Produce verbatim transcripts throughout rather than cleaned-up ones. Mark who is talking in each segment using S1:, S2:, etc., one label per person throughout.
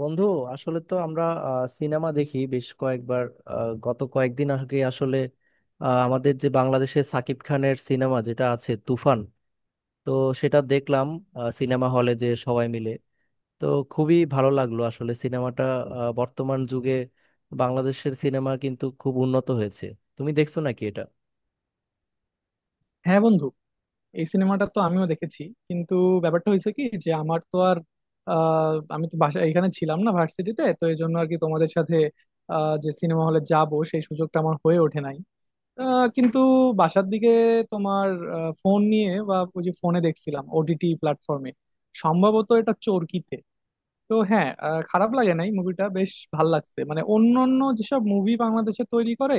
S1: বন্ধু, আসলে তো আমরা সিনেমা দেখি বেশ কয়েকবার। আহ, গত কয়েকদিন আগে আসলে আহ, আমাদের যে বাংলাদেশে সাকিব খানের সিনেমা যেটা আছে তুফান, তো সেটা দেখলাম সিনেমা হলে যে সবাই মিলে। তো খুবই ভালো লাগলো আসলে সিনেমাটা। আহ, বর্তমান যুগে বাংলাদেশের সিনেমা কিন্তু খুব উন্নত হয়েছে। তুমি দেখছো নাকি এটা?
S2: হ্যাঁ বন্ধু, এই সিনেমাটা তো আমিও দেখেছি। কিন্তু ব্যাপারটা হয়েছে কি যে আমার তো আর আহ, আমি তো বাসা এখানে ছিলাম না, ভার্সিটিতে, তো এই জন্য আর কি তোমাদের সাথে আহ, যে সিনেমা হলে যাব সেই সুযোগটা আমার হয়ে ওঠে নাই। আহ, কিন্তু বাসার দিকে তোমার ফোন নিয়ে বা ওই যে ফোনে দেখছিলাম ওটিটি প্ল্যাটফর্মে, সম্ভবত এটা চরকিতে। তো হ্যাঁ, আহ, খারাপ লাগে নাই, মুভিটা বেশ ভাল লাগছে, মানে অন্যান্য যেসব মুভি বাংলাদেশে তৈরি করে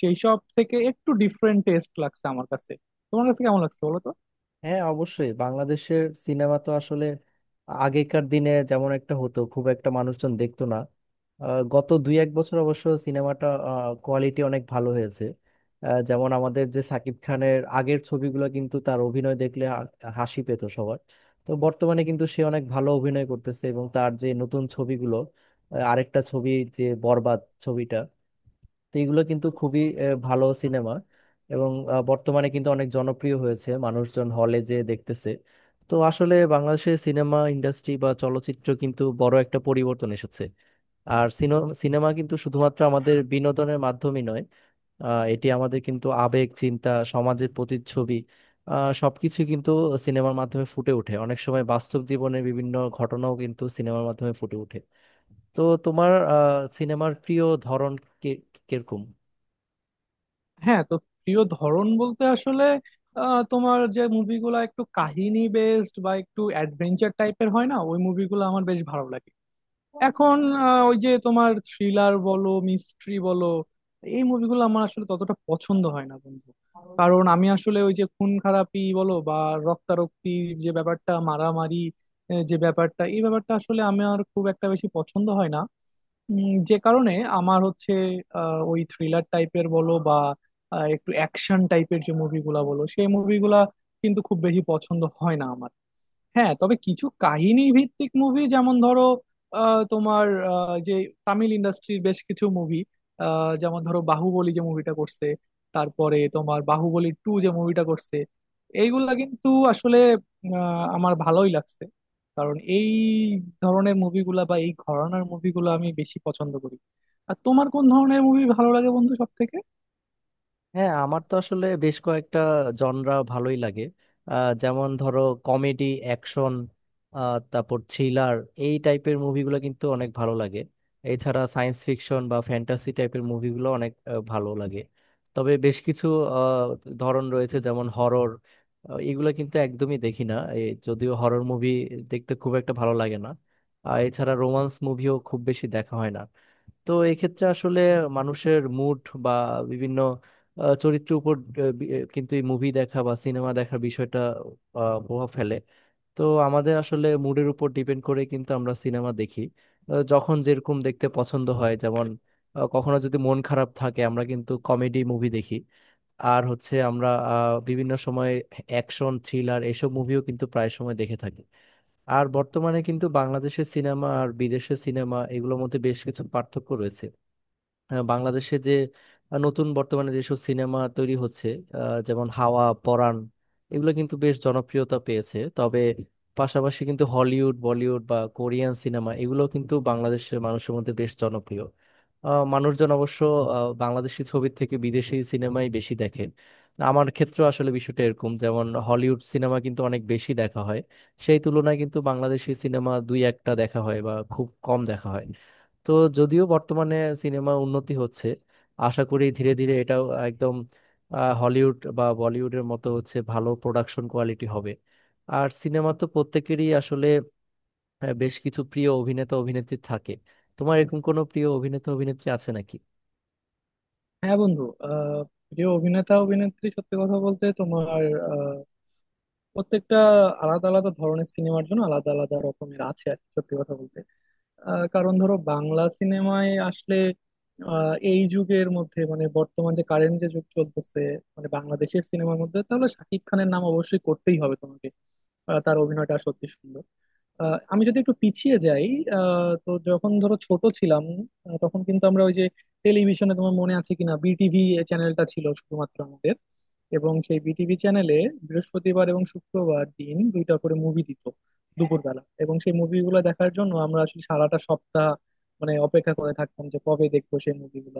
S2: সেই সব থেকে একটু ডিফারেন্ট টেস্ট লাগছে আমার কাছে। তোমার কাছে কেমন লাগছে বলো তো?
S1: হ্যাঁ, অবশ্যই বাংলাদেশের সিনেমা তো আসলে আগেকার দিনে যেমন একটা হতো খুব একটা মানুষজন দেখতো না। আহ, গত দুই এক বছর অবশ্য সিনেমাটা কোয়ালিটি অনেক ভালো হয়েছে। আহ, যেমন আমাদের যে সাকিব খানের আগের ছবিগুলো কিন্তু তার অভিনয় দেখলে হা- হাসি পেত সবার। তো বর্তমানে কিন্তু সে অনেক ভালো অভিনয় করতেছে এবং তার যে নতুন ছবিগুলো, আহ, আরেকটা ছবি যে বরবাদ ছবিটা, তো এগুলো কিন্তু খুবই আহ, ভালো সিনেমা। এবং আহ, বর্তমানে কিন্তু অনেক জনপ্রিয় হয়েছে মানুষজন হলে যে দেখতেছে। তো আসলে বাংলাদেশের সিনেমা ইন্ডাস্ট্রি বা চলচ্চিত্র কিন্তু বড় একটা পরিবর্তন এসেছে। আর সিনো- সিনেমা কিন্তু শুধুমাত্র আমাদের বিনোদনের মাধ্যমই নয়, আহ, এটি আমাদের কিন্তু আবেগ চিন্তা সমাজের প্রতিচ্ছবি। আহ, সবকিছু কিন্তু সিনেমার মাধ্যমে ফুটে ওঠে, অনেক সময় বাস্তব জীবনের বিভিন্ন ঘটনাও কিন্তু সিনেমার মাধ্যমে ফুটে ওঠে। তো তোমার আহ, সিনেমার প্রিয় ধরন কে- কিরকম?
S2: হ্যাঁ তো, প্রিয় ধরন বলতে আসলে আহ, তোমার যে মুভিগুলো একটু কাহিনী বেসড বা একটু অ্যাডভেঞ্চার টাইপের হয় না, ওই মুভিগুলো আমার বেশ ভালো লাগে এখন। আহ, ওই যে তোমার থ্রিলার বলো, মিস্ট্রি বলো, এই মুভিগুলো আমার আসলে ততটা পছন্দ হয় না বন্ধু। কারণ আমি আসলে ওই যে খুন খারাপি বলো বা রক্তারক্তি, যে ব্যাপারটা মারামারি, আহ, যে ব্যাপারটা, এই ব্যাপারটা আসলে আমার খুব একটা বেশি পছন্দ হয় না। উম, যে কারণে আমার হচ্ছে আহ, ওই থ্রিলার টাইপের বলো বা আহ, একটু অ্যাকশন টাইপের যে মুভিগুলা বলো, সেই মুভিগুলা কিন্তু খুব বেশি পছন্দ হয় না আমার। হ্যাঁ, তবে কিছু কাহিনী ভিত্তিক মুভি, যেমন ধরো আহ, তোমার আহ, যে তামিল ইন্ডাস্ট্রির বেশ কিছু মুভি, যেমন ধরো বাহুবলী যে মুভিটা করছে, তারপরে তোমার বাহুবলী টু যে মুভিটা করছে, এইগুলা কিন্তু আসলে আহ, আমার ভালোই লাগছে। কারণ এই ধরনের মুভিগুলা বা এই ঘরানার মুভিগুলো আমি বেশি পছন্দ করি। আর তোমার কোন ধরনের মুভি ভালো লাগে বন্ধু সব থেকে?
S1: হ্যাঁ, আমার তো আসলে বেশ কয়েকটা জনরা ভালোই লাগে। আহ, যেমন ধরো কমেডি অ্যাকশন, তারপর থ্রিলার, এই টাইপের মুভিগুলো কিন্তু অনেক ভালো লাগে। এছাড়া সায়েন্স ফিকশন বা ফ্যান্টাসি টাইপের মুভিগুলো অনেক আহ, ভালো লাগে। তবে বেশ কিছু আহ, ধরন রয়েছে যেমন হরর, এগুলো কিন্তু একদমই দেখি না। এ, যদিও হরর মুভি দেখতে খুব একটা ভালো লাগে না। আর এছাড়া রোমান্স মুভিও খুব বেশি দেখা হয় না। তো এক্ষেত্রে আসলে মানুষের মুড বা বিভিন্ন আহ, চরিত্রের উপর আহ, বি- আহ, কিন্তু এই মুভি দেখা বা সিনেমা দেখার বিষয়টা আহ, প্রভাব ফেলে। তো আমাদের আসলে মুডের উপর ডিপেন্ড করে কিন্তু আমরা সিনেমা দেখি। আহ, যখন যেরকম দেখতে পছন্দ হয়, যেমন আহ, কখনো যদি মন খারাপ থাকে আমরা কিন্তু কমেডি মুভি দেখি। আর হচ্ছে আমরা আহ, বিভিন্ন সময় অ্যাকশন থ্রিলার এসব মুভিও কিন্তু প্রায় সময় দেখে থাকি। আর বর্তমানে কিন্তু বাংলাদেশের সিনেমা আর বিদেশের সিনেমা এগুলোর মধ্যে বেশ কিছু পার্থক্য রয়েছে। আহ, বাংলাদেশে যে আহ, নতুন বর্তমানে যেসব সিনেমা তৈরি হচ্ছে, আহ, যেমন হাওয়া পরাণ, এগুলো কিন্তু বেশ জনপ্রিয়তা পেয়েছে। তবে পাশাপাশি কিন্তু হলিউড বলিউড বা কোরিয়ান সিনেমা এগুলো কিন্তু বাংলাদেশের মানুষের মধ্যে বেশ জনপ্রিয়। আহ, মানুষজন অবশ্য আহ, বাংলাদেশি ছবির থেকে বিদেশি সিনেমাই বেশি দেখে। আমার ক্ষেত্রে আসলে বিষয়টা এরকম, যেমন হলিউড সিনেমা কিন্তু অনেক বেশি দেখা হয়, সেই তুলনায় কিন্তু বাংলাদেশি সিনেমা দুই একটা দেখা হয় বা খুব কম দেখা হয়। তো যদিও বর্তমানে সিনেমা উন্নতি হচ্ছে, আশা করি ধীরে ধীরে এটাও একদম আহ, হলিউড বা বলিউডের মতো হচ্ছে, ভালো প্রোডাকশন কোয়ালিটি হবে। আর সিনেমা তো প্রত্যেকেরই আসলে আহ, বেশ কিছু প্রিয় অভিনেতা অভিনেত্রী থাকে। তোমার এরকম কোনো প্রিয় অভিনেতা অভিনেত্রী আছে নাকি?
S2: হ্যাঁ বন্ধু, আহ প্রিয় অভিনেতা অভিনেত্রী সত্যি কথা বলতে তোমার প্রত্যেকটা আলাদা আলাদা ধরনের সিনেমার জন্য আলাদা আলাদা রকমের আছে আর কি, সত্যি কথা বলতে। আহ, কারণ ধরো বাংলা সিনেমায় আসলে আহ, এই যুগের মধ্যে, মানে বর্তমান যে কারেন্ট যে যুগ চলতেছে, মানে বাংলাদেশের সিনেমার মধ্যে, তাহলে শাকিব খানের নাম অবশ্যই করতেই হবে তোমাকে। আহ, তার অভিনয়টা সত্যি সুন্দর। আহ, আমি যদি একটু পিছিয়ে যাই, আহ, তো যখন ধরো ছোট ছিলাম, আহ, তখন কিন্তু আমরা ওই যে টেলিভিশনে, তোমার মনে আছে কিনা, বিটিভি চ্যানেলটা ছিল শুধুমাত্র আমাদের। এবং সেই বিটিভি চ্যানেলে বৃহস্পতিবার এবং শুক্রবার দিন দুইটা করে মুভি দিত দুপুরবেলা, এবং সেই মুভিগুলো দেখার জন্য আমরা আসলে সারাটা সপ্তাহ মানে অপেক্ষা করে থাকতাম যে কবে দেখবো সেই মুভিগুলো।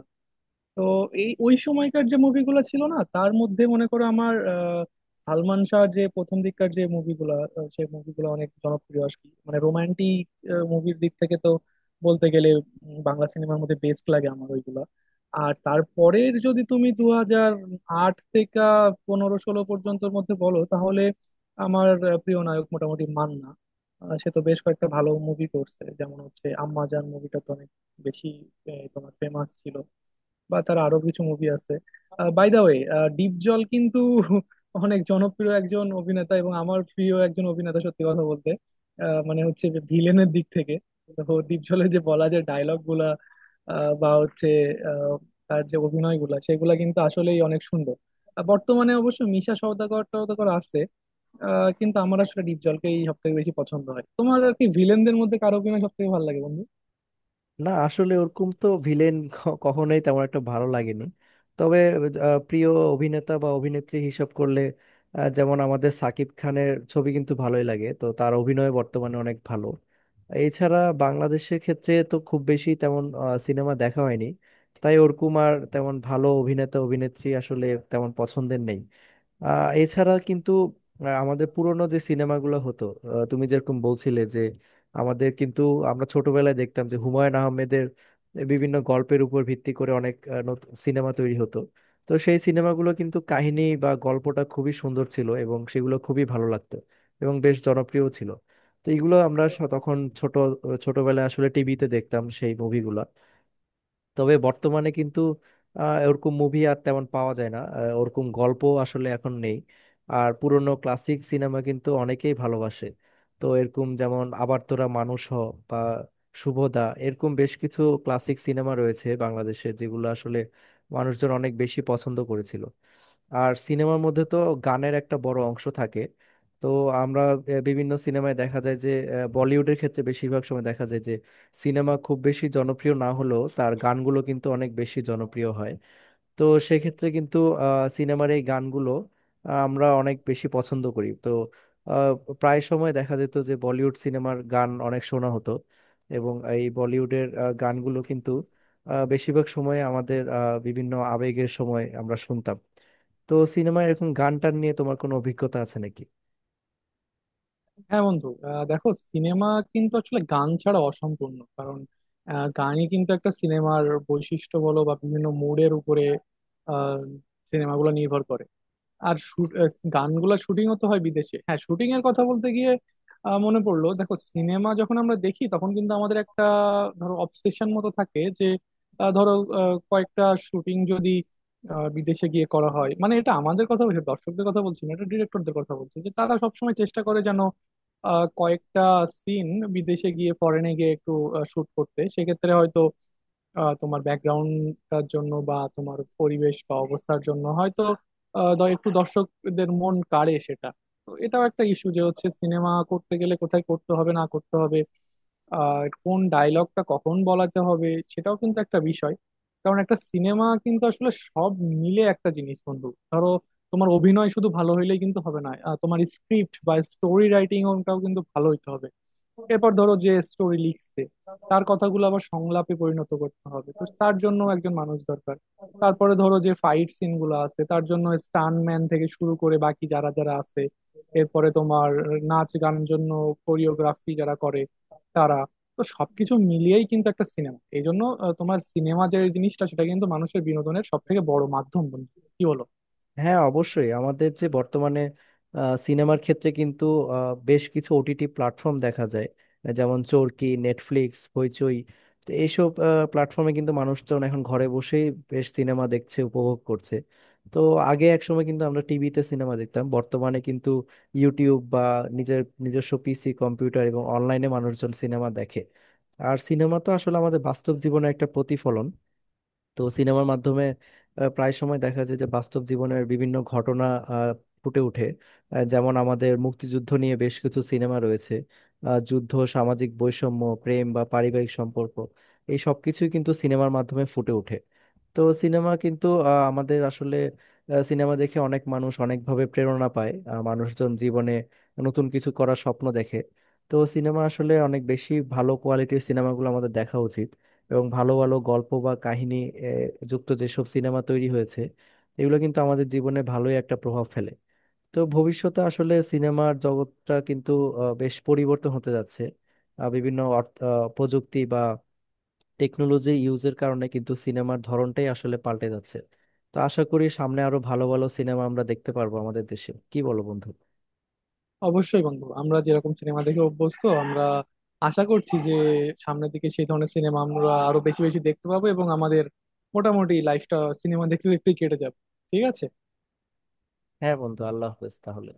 S2: তো এই ওই সময়কার যে মুভিগুলো ছিল না, তার মধ্যে মনে করো আমার আহ, সালমান শাহ যে প্রথম দিককার যে মুভিগুলো, সেই মুভিগুলো অনেক জনপ্রিয় আর কি, মানে রোমান্টিক মুভির দিক থেকে তো বলতে গেলে উম, বাংলা সিনেমার মধ্যে বেস্ট লাগে আমার ওইগুলা। আর তারপরের যদি তুমি দু হাজার আট থেকে পনেরো ষোলো পর্যন্তর মধ্যে বলো, তাহলে আমার আহ, প্রিয় নায়ক মোটামুটি মান্না। আহ, সে তো বেশ কয়েকটা ভালো মুভি করছে, যেমন হচ্ছে আম্মাজান মুভিটা তো অনেক বেশি আহ, তোমার ফেমাস ছিল, বা তার আরো কিছু মুভি আছে। বাই দা ওয়ে, ডিপ জল কিন্তু অনেক জনপ্রিয় একজন অভিনেতা, এবং আমার প্রিয় একজন অভিনেতা সত্যি কথা বলতে। আহ, মানে হচ্ছে ভিলেনের দিক থেকে, তো ডিপ জলের যে বলা যায় ডায়লগ গুলা আহ, বা হচ্ছে আহ, তার যে অভিনয় গুলা সেগুলা কিন্তু আসলেই অনেক সুন্দর। আর বর্তমানে অবশ্য মিশা সওদাগর টওদাগর আছে, আহ, কিন্তু আমার আসলে ডিপ জলকেই সব থেকে বেশি পছন্দ হয়। তোমার আর কি ভিলেনদের মধ্যে কার অভিনয় সব থেকে ভালো লাগে বন্ধু?
S1: না আসলে ওরকম তো ভিলেন কখনোই তেমন একটা ভালো লাগেনি। তবে আহ, প্রিয় অভিনেতা বা অভিনেত্রী হিসাব করলে, আহ, যেমন আমাদের সাকিব খানের ছবি কিন্তু ভালোই লাগে, তো তার অভিনয় বর্তমানে অনেক ভালো। এছাড়া বাংলাদেশের ক্ষেত্রে তো খুব বেশি তেমন সিনেমা দেখা হয়নি, তাই ওরকম আর তেমন ভালো অভিনেতা অভিনেত্রী আসলে তেমন পছন্দের নেই। আহ এছাড়া কিন্তু আহ, আমাদের পুরোনো যে সিনেমাগুলো হতো, আহ, তুমি যেরকম বলছিলে যে আমাদের কিন্তু আমরা ছোটবেলায় দেখতাম যে হুমায়ুন আহমেদের বিভিন্ন গল্পের উপর ভিত্তি করে অনেক আহ, নতুন সিনেমা তৈরি হতো। তো সেই সিনেমাগুলো কিন্তু কাহিনী বা গল্পটা খুবই সুন্দর ছিল এবং সেগুলো খুবই ভালো লাগতো এবং বেশ জনপ্রিয় ছিল। তো এগুলো আমরা স- তখন ছোট ছোটবেলায় আসলে টিভিতে দেখতাম সেই মুভিগুলো। তবে বর্তমানে কিন্তু আহ, ওরকম মুভি আর তেমন পাওয়া যায় না, আহ, ওরকম গল্প আসলে এখন নেই। আর পুরনো ক্লাসিক সিনেমা কিন্তু অনেকেই ভালোবাসে। তো এরকম যেমন আবার তোরা মানুষ হ, বা শুভদা, এরকম বেশ কিছু ক্লাসিক সিনেমা রয়েছে বাংলাদেশে যেগুলো আসলে মানুষজন অনেক বেশি পছন্দ করেছিল। আর সিনেমার মধ্যে তো গানের একটা বড় অংশ থাকে। তো আমরা আহ, বিভিন্ন সিনেমায় দেখা যায় যে আহ, বলিউডের ক্ষেত্রে বেশিরভাগ সময় দেখা যায় যে সিনেমা খুব বেশি জনপ্রিয় না হলেও তার গানগুলো কিন্তু অনেক বেশি জনপ্রিয় হয়। তো সেক্ষেত্রে কিন্তু আহ, সিনেমার এই গানগুলো আহ, আমরা অনেক বেশি পছন্দ করি। তো আহ, প্রায় সময় দেখা যেত যে বলিউড সিনেমার গান অনেক শোনা হতো। এবং এই বলিউডের আহ, গানগুলো কিন্তু আহ, বেশিরভাগ সময় আমাদের আহ, বিভিন্ন আবেগের সময় আমরা শুনতাম। তো সিনেমায় এরকম গান টান নিয়ে তোমার কোনো অভিজ্ঞতা আছে নাকি?
S2: হ্যাঁ বন্ধু, আহ, দেখো সিনেমা কিন্তু আসলে গান ছাড়া অসম্পূর্ণ, কারণ আহ, গানই কিন্তু একটা সিনেমার বৈশিষ্ট্য বলো, বা বিভিন্ন মুডের উপরে সিনেমাগুলো নির্ভর করে। আর shoot- আহ, গানগুলা শুটিংও তো হয় বিদেশে। হ্যাঁ, শুটিং এর কথা বলতে গিয়ে আহ, মনে পড়লো, দেখো সিনেমা যখন আমরা দেখি তখন কিন্তু আমাদের একটা ধরো অবসেশন মতো থাকে যে আহ, ধরো আহ, কয়েকটা শুটিং যদি আহ, বিদেশে গিয়ে করা হয়, মানে এটা আমাদের কথা বলছি না, দর্শকদের কথা বলছি না, এটা ডিরেক্টরদের কথা বলছি যে তারা সবসময় চেষ্টা করে যেন আহ, কয়েকটা সিন বিদেশে গিয়ে, ফরেনে গিয়ে একটু শুট করতে। সেক্ষেত্রে হয়তো আহ, তোমার ব্যাকগ্রাউন্ডটার জন্য বা তোমার পরিবেশ বা অবস্থার জন্য হয়তো আহ, দ- একটু দর্শকদের মন কাড়ে সেটা। তো এটাও একটা ইস্যু যে হচ্ছে সিনেমা করতে গেলে কোথায় করতে হবে, না করতে হবে, আর কোন ডায়লগটা কখন বলাতে হবে, সেটাও কিন্তু একটা বিষয়। কারণ একটা সিনেমা কিন্তু আসলে সব মিলে একটা জিনিস বন্ধু। ধরো তোমার অভিনয় শুধু ভালো হইলেই কিন্তু হবে না, আহ, তোমার স্ক্রিপ্ট বা স্টোরি রাইটিং ওটাও কিন্তু ভালো হইতে হবে। এরপর ধরো যে স্টোরি লিখছে, তার কথাগুলো আবার সংলাপে পরিণত করতে হবে, তো তার জন্য একজন মানুষ দরকার। তারপরে ধরো যে ফাইট সিন গুলো আছে, তার জন্য স্টান্টম্যান থেকে শুরু করে বাকি যারা যারা আছে, এরপরে তোমার নাচ গানের জন্য কোরিওগ্রাফি যারা করে তারা। তো সবকিছু মিলিয়েই কিন্তু একটা সিনেমা, এই জন্য আহ, তোমার সিনেমা যে জিনিসটা সেটা কিন্তু মানুষের বিনোদনের সব থেকে বড় মাধ্যম বন্ধু। কি বলো?
S1: হ্যাঁ, অবশ্যই আমাদের যে বর্তমানে আহ, সিনেমার ক্ষেত্রে কিন্তু আহ, বেশ কিছু ওটিটি প্ল্যাটফর্ম দেখা যায়, যেমন চরকি, নেটফ্লিক্স, হইচই। তো এইসব প্ল্যাটফর্মে কিন্তু মানুষজন এখন ঘরে বসেই বেশ সিনেমা দেখছে, উপভোগ করছে। তো আগে একসময় কিন্তু আমরা টিভিতে সিনেমা দেখতাম, বর্তমানে কিন্তু ইউটিউব বা নিজের নিজস্ব পিসি কম্পিউটার এবং অনলাইনে মানুষজন সিনেমা দেখে। আর সিনেমা তো আসলে আমাদের বাস্তব জীবনের একটা প্রতিফলন। তো সিনেমার মাধ্যমে আহ, প্রায় সময় দেখা যায় যে বাস্তব জীবনের বিভিন্ন ঘটনা আহ, ফুটে ওঠে। আহ, যেমন আমাদের মুক্তিযুদ্ধ নিয়ে বেশ কিছু সিনেমা রয়েছে, আহ, যুদ্ধ, সামাজিক বৈষম্য, প্রেম বা পারিবারিক সম্পর্ক, এই সব কিছুই কিন্তু সিনেমার মাধ্যমে ফুটে ওঠে। তো সিনেমা কিন্তু আহ, আমাদের আসলে আহ, সিনেমা দেখে অনেক মানুষ অনেকভাবে প্রেরণা পায়, আহ, মানুষজন জীবনে নতুন কিছু করার স্বপ্ন দেখে। তো সিনেমা আসলে অনেক বেশি ভালো কোয়ালিটির সিনেমাগুলো আমাদের দেখা উচিত। এবং ভালো ভালো গল্প বা কাহিনী আহ, যুক্ত যেসব সিনেমা তৈরি হয়েছে, এগুলো কিন্তু আমাদের জীবনে ভালোই একটা প্রভাব ফেলে। তো ভবিষ্যতে আসলে সিনেমার জগৎটা কিন্তু আহ, বেশ পরিবর্তন হতে যাচ্ছে। আহ, বিভিন্ন অর্থ- আহ, প্রযুক্তি বা টেকনোলজি ইউজের কারণে কিন্তু সিনেমার ধরনটাই আসলে পাল্টে যাচ্ছে। তো আশা করি সামনে আরো ভালো ভালো সিনেমা আমরা দেখতে পারবো আমাদের দেশে, কি বলো বন্ধু?
S2: অবশ্যই বন্ধু, আমরা যেরকম সিনেমা দেখে অভ্যস্ত, আমরা আশা করছি যে সামনের দিকে সেই ধরনের সিনেমা আমরা আরো বেশি বেশি দেখতে পাবো, এবং আমাদের মোটামুটি লাইফটা সিনেমা দেখতে দেখতেই কেটে যাবে। ঠিক আছে।
S1: হ্যাঁ বন্ধু, আল্লাহ হাফেজ তাহলে।